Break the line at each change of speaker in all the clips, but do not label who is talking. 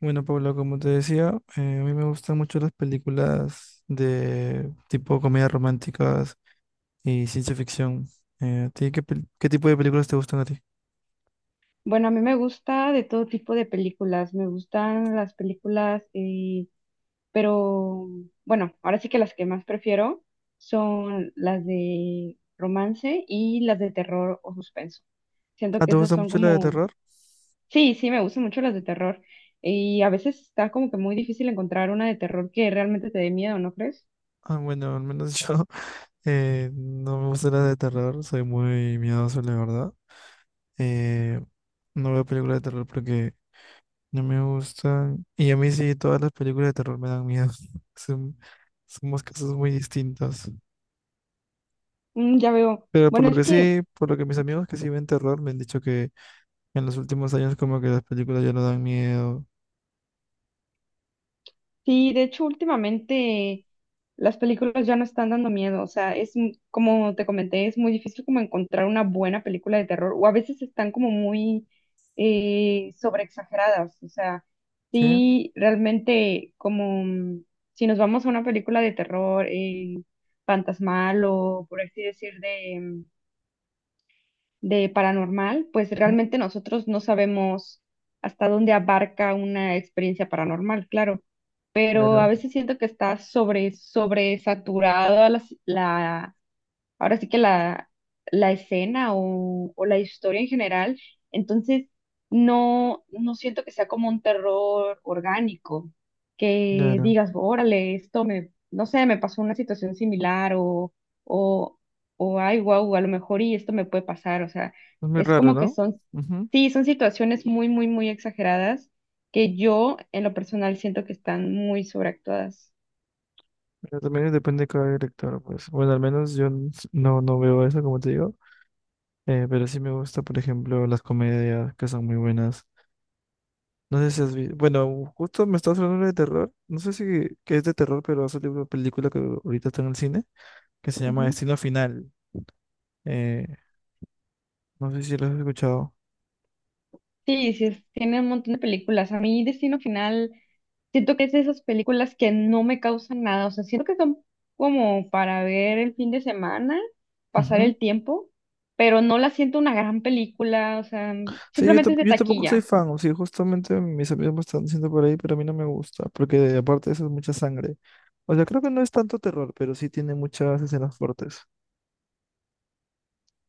Bueno, Paula, como te decía, a mí me gustan mucho las películas de tipo comedias románticas y ciencia ficción. ¿A ti qué, qué tipo de películas te gustan a ti?
Bueno, a mí me gusta de todo tipo de películas. Me gustan las películas, pero bueno, ahora sí que las que más prefiero son las de romance y las de terror o suspenso. Siento
Ah,
que
¿te
esas
gusta
son
mucho la de
como,
terror?
sí, sí, me gustan mucho las de terror. Y a veces está como que muy difícil encontrar una de terror que realmente te dé miedo, ¿no crees?
Ah, bueno, al menos yo no me gusta la de terror, soy muy miedoso, la verdad. Eh, no veo películas de terror porque no me gustan. Y a mí sí, todas las películas de terror me dan miedo. Son, somos casos muy distintos.
Mm, ya veo.
Pero por
Bueno,
lo
es
que
que
sí, por lo que mis amigos que sí ven terror me han dicho que en los últimos años como que las películas ya no dan miedo.
sí, de hecho, últimamente las películas ya no están dando miedo. O sea, es como te comenté, es muy difícil como encontrar una buena película de terror. O a veces están como muy sobreexageradas. O sea,
Sí, ujú.
sí, realmente como si nos vamos a una película de terror fantasmal o, por así decir, de paranormal, pues realmente nosotros no sabemos hasta dónde abarca una experiencia paranormal, claro, pero a
Claro,
veces siento que está sobre, sobre sobresaturada la, ahora sí que la escena o la historia en general. Entonces, no, no siento que sea como un terror orgánico, que
claro.
digas, órale, esto me, no sé, me pasó una situación similar o, o ay, wow, a lo mejor y esto me puede pasar. O sea,
Es muy
es
raro,
como que
¿no?
son,
Ujú.
sí, son situaciones muy, muy, muy exageradas que yo en lo personal siento que están muy sobreactuadas.
Pero también depende de cada director, pues. Bueno, al menos yo no, no veo eso, como te digo. Pero sí me gusta, por ejemplo, las comedias que son muy buenas. No sé si has visto. Bueno, justo me estás hablando de terror. No sé si que es de terror, pero ha salido una película que ahorita está en el cine que se llama Destino Final. Eh, no sé si lo has escuchado.
Sí, sí, tiene un montón de películas. A mí Destino Final, siento que es de esas películas que no me causan nada. O sea, siento que son como para ver el fin de semana, pasar el tiempo, pero no la siento una gran película. O sea,
Sí, yo,
simplemente es de
yo tampoco soy
taquilla.
fan, o sea, justamente mis amigos me están diciendo por ahí, pero a mí no me gusta, porque aparte de eso es mucha sangre. O sea, creo que no es tanto terror, pero sí tiene muchas escenas fuertes.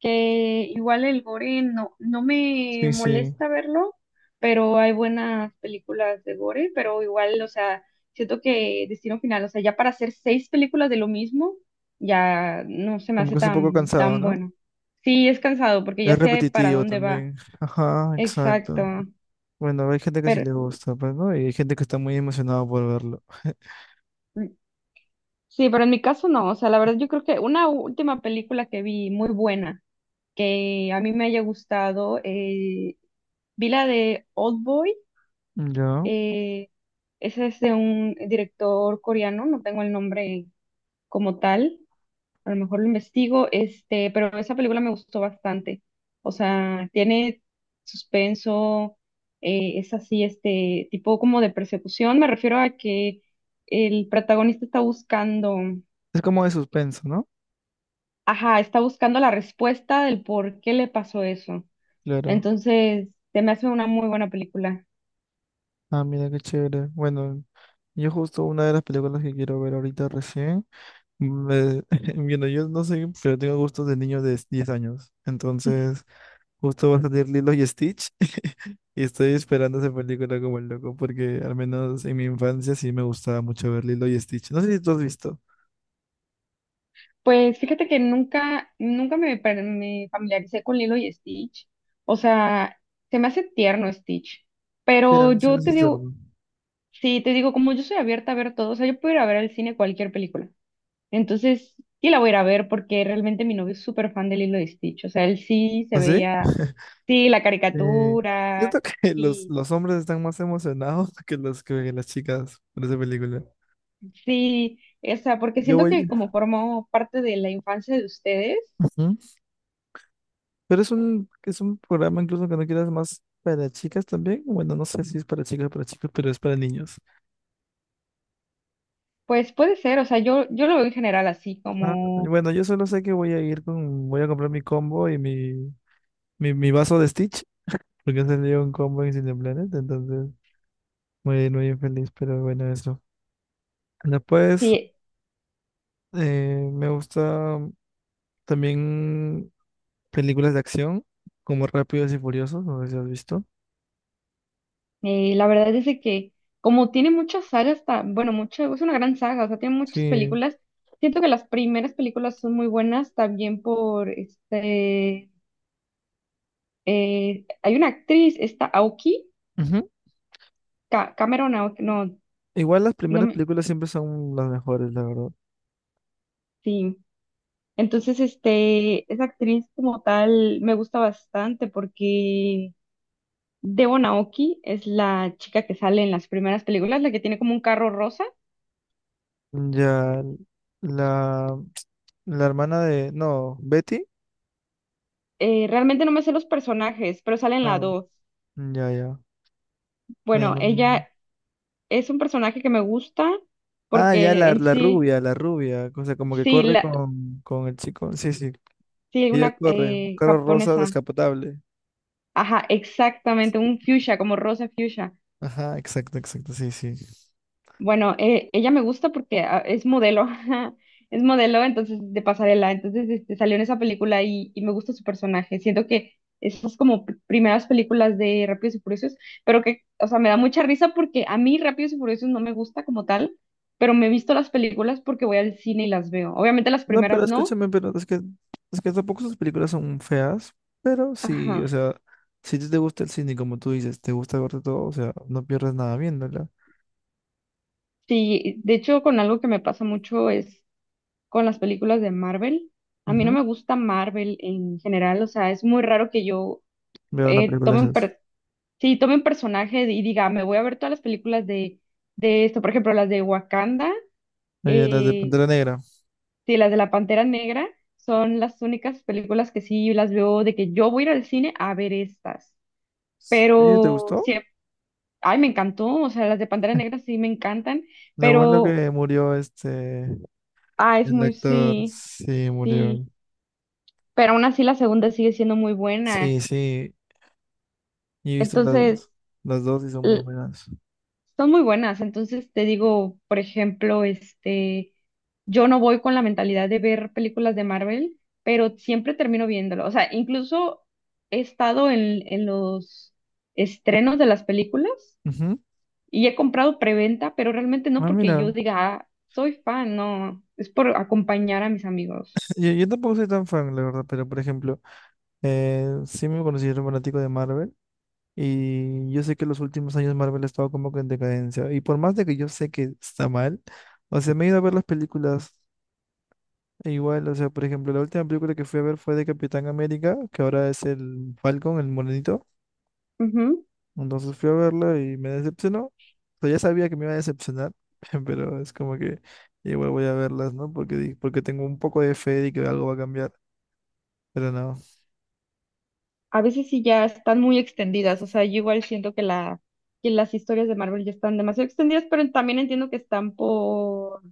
Que igual el gore no, no me
Sí, sí,
molesta verlo, pero hay buenas películas de gore, pero igual, o sea, siento que Destino Final, o sea, ya para hacer 6 películas de lo mismo, ya no se me
como
hace
que es un poco
tan,
cansado,
tan
¿no?
bueno. Sí, es cansado porque ya
Es
sé para
repetitivo
dónde va.
también. Ajá,
Exacto.
exacto. Bueno, hay gente que sí
Pero
le gusta, pues, ¿no? Y hay gente que está muy emocionada por verlo.
sí, pero en mi caso no, o sea, la verdad yo creo que una última película que vi muy buena, que a mí me haya gustado, vi la de Old Boy.
Ya.
Eh, Ese es de un director coreano, no tengo el nombre como tal, a lo mejor lo investigo, este, pero esa película me gustó bastante. O sea, tiene suspenso, es así, este, tipo como de persecución. Me refiero a que el protagonista está buscando,
Es como de suspenso, ¿no?
ajá, está buscando la respuesta del por qué le pasó eso.
Claro.
Entonces, se me hace una muy buena película.
Ah, mira qué chévere. Bueno, yo justo una de las películas que quiero ver ahorita recién. Me- Bueno, yo no sé, pero tengo gustos de niño de 10 años. Entonces, justo va a salir Lilo y Stitch y estoy esperando esa película como el loco, porque al menos en mi infancia sí me gustaba mucho ver Lilo y Stitch. No sé si tú has visto.
Pues fíjate que nunca, nunca me familiaricé con Lilo y Stitch. O sea, se me hace tierno Stitch.
Ya, a
Pero
mí sí me
yo
hace
te digo,
cerdo.
sí, te digo, como yo soy abierta a ver todo, o sea, yo puedo ir a ver al cine cualquier película. Entonces, sí la voy a ir a ver porque realmente mi novio es súper fan de Lilo y Stitch. O sea, él sí se
¿Ah, sí?
veía, sí, la
Eh, yo
caricatura,
creo que los,
y
los hombres están más emocionados que los que las chicas por esa película.
sí, o sea, porque
Yo
siento
voy.
que como formó parte de la infancia de ustedes,
Pero es un programa incluso que no quieras más para chicas también. Bueno, no sé si es para chicas o para chicos, pero es para niños.
pues puede ser, o sea, yo lo veo en general así,
Ah,
como...
bueno, yo solo sé que voy a ir con, voy a comprar mi combo y mi, mi vaso de Stitch, porque salió un combo en Cineplanet, entonces muy, muy feliz, pero bueno, eso. Después,
Sí.
me gusta también películas de acción, como Rápidos y Furiosos, no sé si has visto.
La verdad es de que como tiene muchas sagas, bueno, mucho, es una gran saga, o sea, tiene muchas
Sí.
películas. Siento que las primeras películas son muy buenas también por este, hay una actriz, esta Aoki,
Ujú.
Cameron Aoki, no,
Igual las
no
primeras
me,
películas siempre son las mejores, la verdad.
sí. Entonces, este, esa actriz como tal me gusta bastante porque Devon Aoki es la chica que sale en las primeras películas, la que tiene como un carro rosa.
Ya. La, la hermana de... No, Betty.
Realmente no me sé los personajes, pero salen las
Ah,
dos.
mm, ya, ya. Bueno,
Bueno,
no.
ella es un personaje que me gusta
Ah, ya,
porque
la,
en
la
sí,
rubia, la rubia. O sea, como que
sí,
corre
la,
con el chico. Sí, sí.
sí,
Ella
una
corre. Carro rosa
japonesa.
descapotable.
Ajá, exactamente, un fuchsia, como rosa fuchsia.
Ajá, exacto, exacto. Sí, sí.
Bueno, ella me gusta porque ah, es modelo, es modelo, entonces de pasarela, entonces este, salió en esa película y me gusta su personaje. Siento que esas como primeras películas de Rápidos y Furiosos, pero que, o sea, me da mucha risa porque a mí Rápidos y Furiosos no me gusta como tal, pero me he visto las películas porque voy al cine y las veo. Obviamente las
No, pero
primeras no,
escúchame, pero es que tampoco esas películas son feas, pero sí,
ajá.
o sea, si a ti te gusta el cine, como tú dices, te gusta verte todo, o sea, no pierdes nada viéndola.
Sí, de hecho con algo que me pasa mucho es con las películas de Marvel. A mí no
Ujú.
me gusta Marvel en general, o sea, es muy raro que yo
Veo una
eh,
película
tome
de
un
esas.
per- sí, tome un personaje y diga, me voy a ver todas las películas de esto, por ejemplo, las de Wakanda,
Ella, las de
eh,
Pantera Negra.
sí, las de la Pantera Negra, son las únicas películas que sí las veo de que yo voy a ir al cine a ver estas,
¿Sí? ¿Te
pero sí,
gustó?
ay, me encantó, o sea, las de Pantera Negra sí me encantan,
Lo bueno
pero,
que murió este,
ah, es
el
muy,
actor,
sí,
sí,
sí,
murió.
pero aún así la segunda sigue siendo muy buena,
Sí, sí, y he visto
entonces...
las dos y son muy buenas.
Son muy buenas, entonces te digo, por ejemplo, este, yo no voy con la mentalidad de ver películas de Marvel, pero siempre termino viéndolo. O sea, incluso he estado en los estrenos de las películas
Ujú.
y he comprado preventa, pero realmente no
Ah,
porque
mira,
yo diga, "Ah, soy fan", no, es por acompañar a mis amigos.
yo tampoco soy tan fan, la verdad, pero por ejemplo, sí me considero fanático de Marvel y yo sé que los últimos años Marvel ha estado como que en decadencia y por más de que yo sé que está mal, o sea, me he ido a ver las películas e igual, o sea, por ejemplo, la última película que fui a ver fue de Capitán América, que ahora es el Falcon, el morenito. Entonces fui a verla y me decepcionó. O sea, ya sabía que me iba a decepcionar, pero es como que igual voy a verlas, ¿no? Porque, porque tengo un poco de fe de que algo va a cambiar, pero no.
A veces sí ya están muy extendidas, o sea, yo igual siento que la, que las historias de Marvel ya están demasiado extendidas, pero también entiendo que están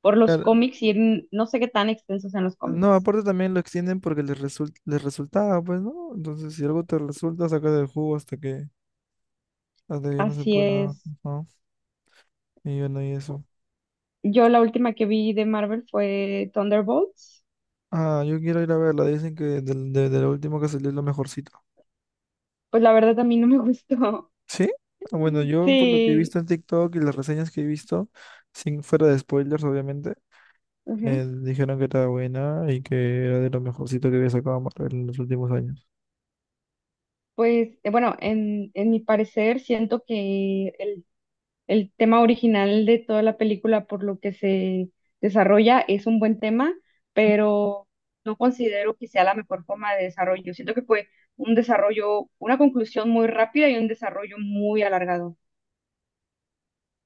por los
Claro,
cómics y no sé qué tan extensos sean los
no,
cómics.
aparte también lo extienden porque les resulta, les resultaba, pues, ¿no? Entonces, si algo te resulta, saca del jugo hasta que ya no se
Así
pueda,
es.
¿no? Y bueno, y eso.
Yo la última que vi de Marvel fue Thunderbolts,
Ah, yo quiero ir a verla. Dicen que de lo último que salió es lo mejorcito.
pues la verdad a mí no me gustó.
¿Sí? Ah, bueno, yo por lo que he
Sí,
visto en TikTok y las reseñas que he visto, sin fuera de spoilers, obviamente.
ujú.
Me dijeron que estaba buena y que era de lo mejorcito que había sacado Marvel en los últimos años.
Pues bueno, en mi parecer siento que el tema original de toda la película por lo que se desarrolla es un buen tema, pero no considero que sea la mejor forma de desarrollo. Siento que fue un desarrollo, una conclusión muy rápida y un desarrollo muy alargado.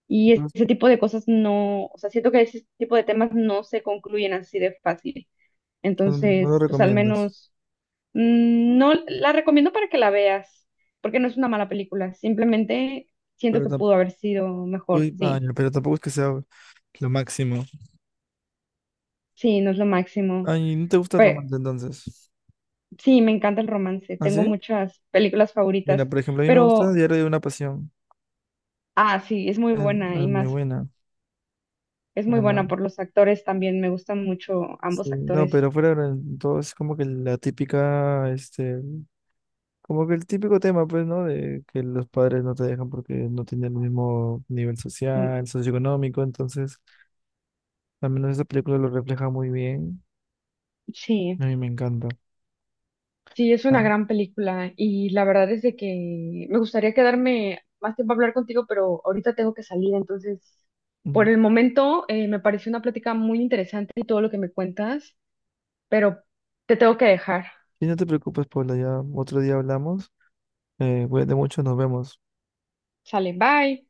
Y
No,
ese tipo de cosas no, o sea, siento que ese tipo de temas no se concluyen así de fácil.
no lo
Entonces, pues al
recomiendas,
menos mm, no la recomiendo para que la veas, porque no es una mala película, simplemente siento
pero
que
tampoco,
pudo haber sido mejor, sí.
pero tampoco es que sea lo máximo.
Sí, no es lo máximo.
Ay, ¿no te gusta el
Pe-
romance entonces?
sí, me encanta el romance.
¿Ah,
Tengo
sí?
muchas películas
Mira,
favoritas,
por ejemplo, a mí me gusta
pero,
Diario de una Pasión.
ah, sí, es muy
Es
buena y
muy
más,
buena.
es muy
Bueno,
buena por los actores también. Me gustan mucho
sí.
ambos
No,
actores.
pero fuera de todo es como que la típica, este, como que el típico tema, pues, ¿no? De que los padres no te dejan porque no tienen el mismo nivel
Mm,
social, socioeconómico, entonces al menos esta película lo refleja muy bien.
sí.
A mí me encanta.
Sí, es una
Ah,
gran película y la verdad es de que me gustaría quedarme más tiempo a hablar contigo, pero ahorita tengo que salir, entonces
mm.
por el momento me pareció una plática muy interesante y todo lo que me cuentas, pero te tengo que dejar.
Y no te preocupes, Paula, ya otro día hablamos. Cuídate mucho, nos vemos.
Sale, bye.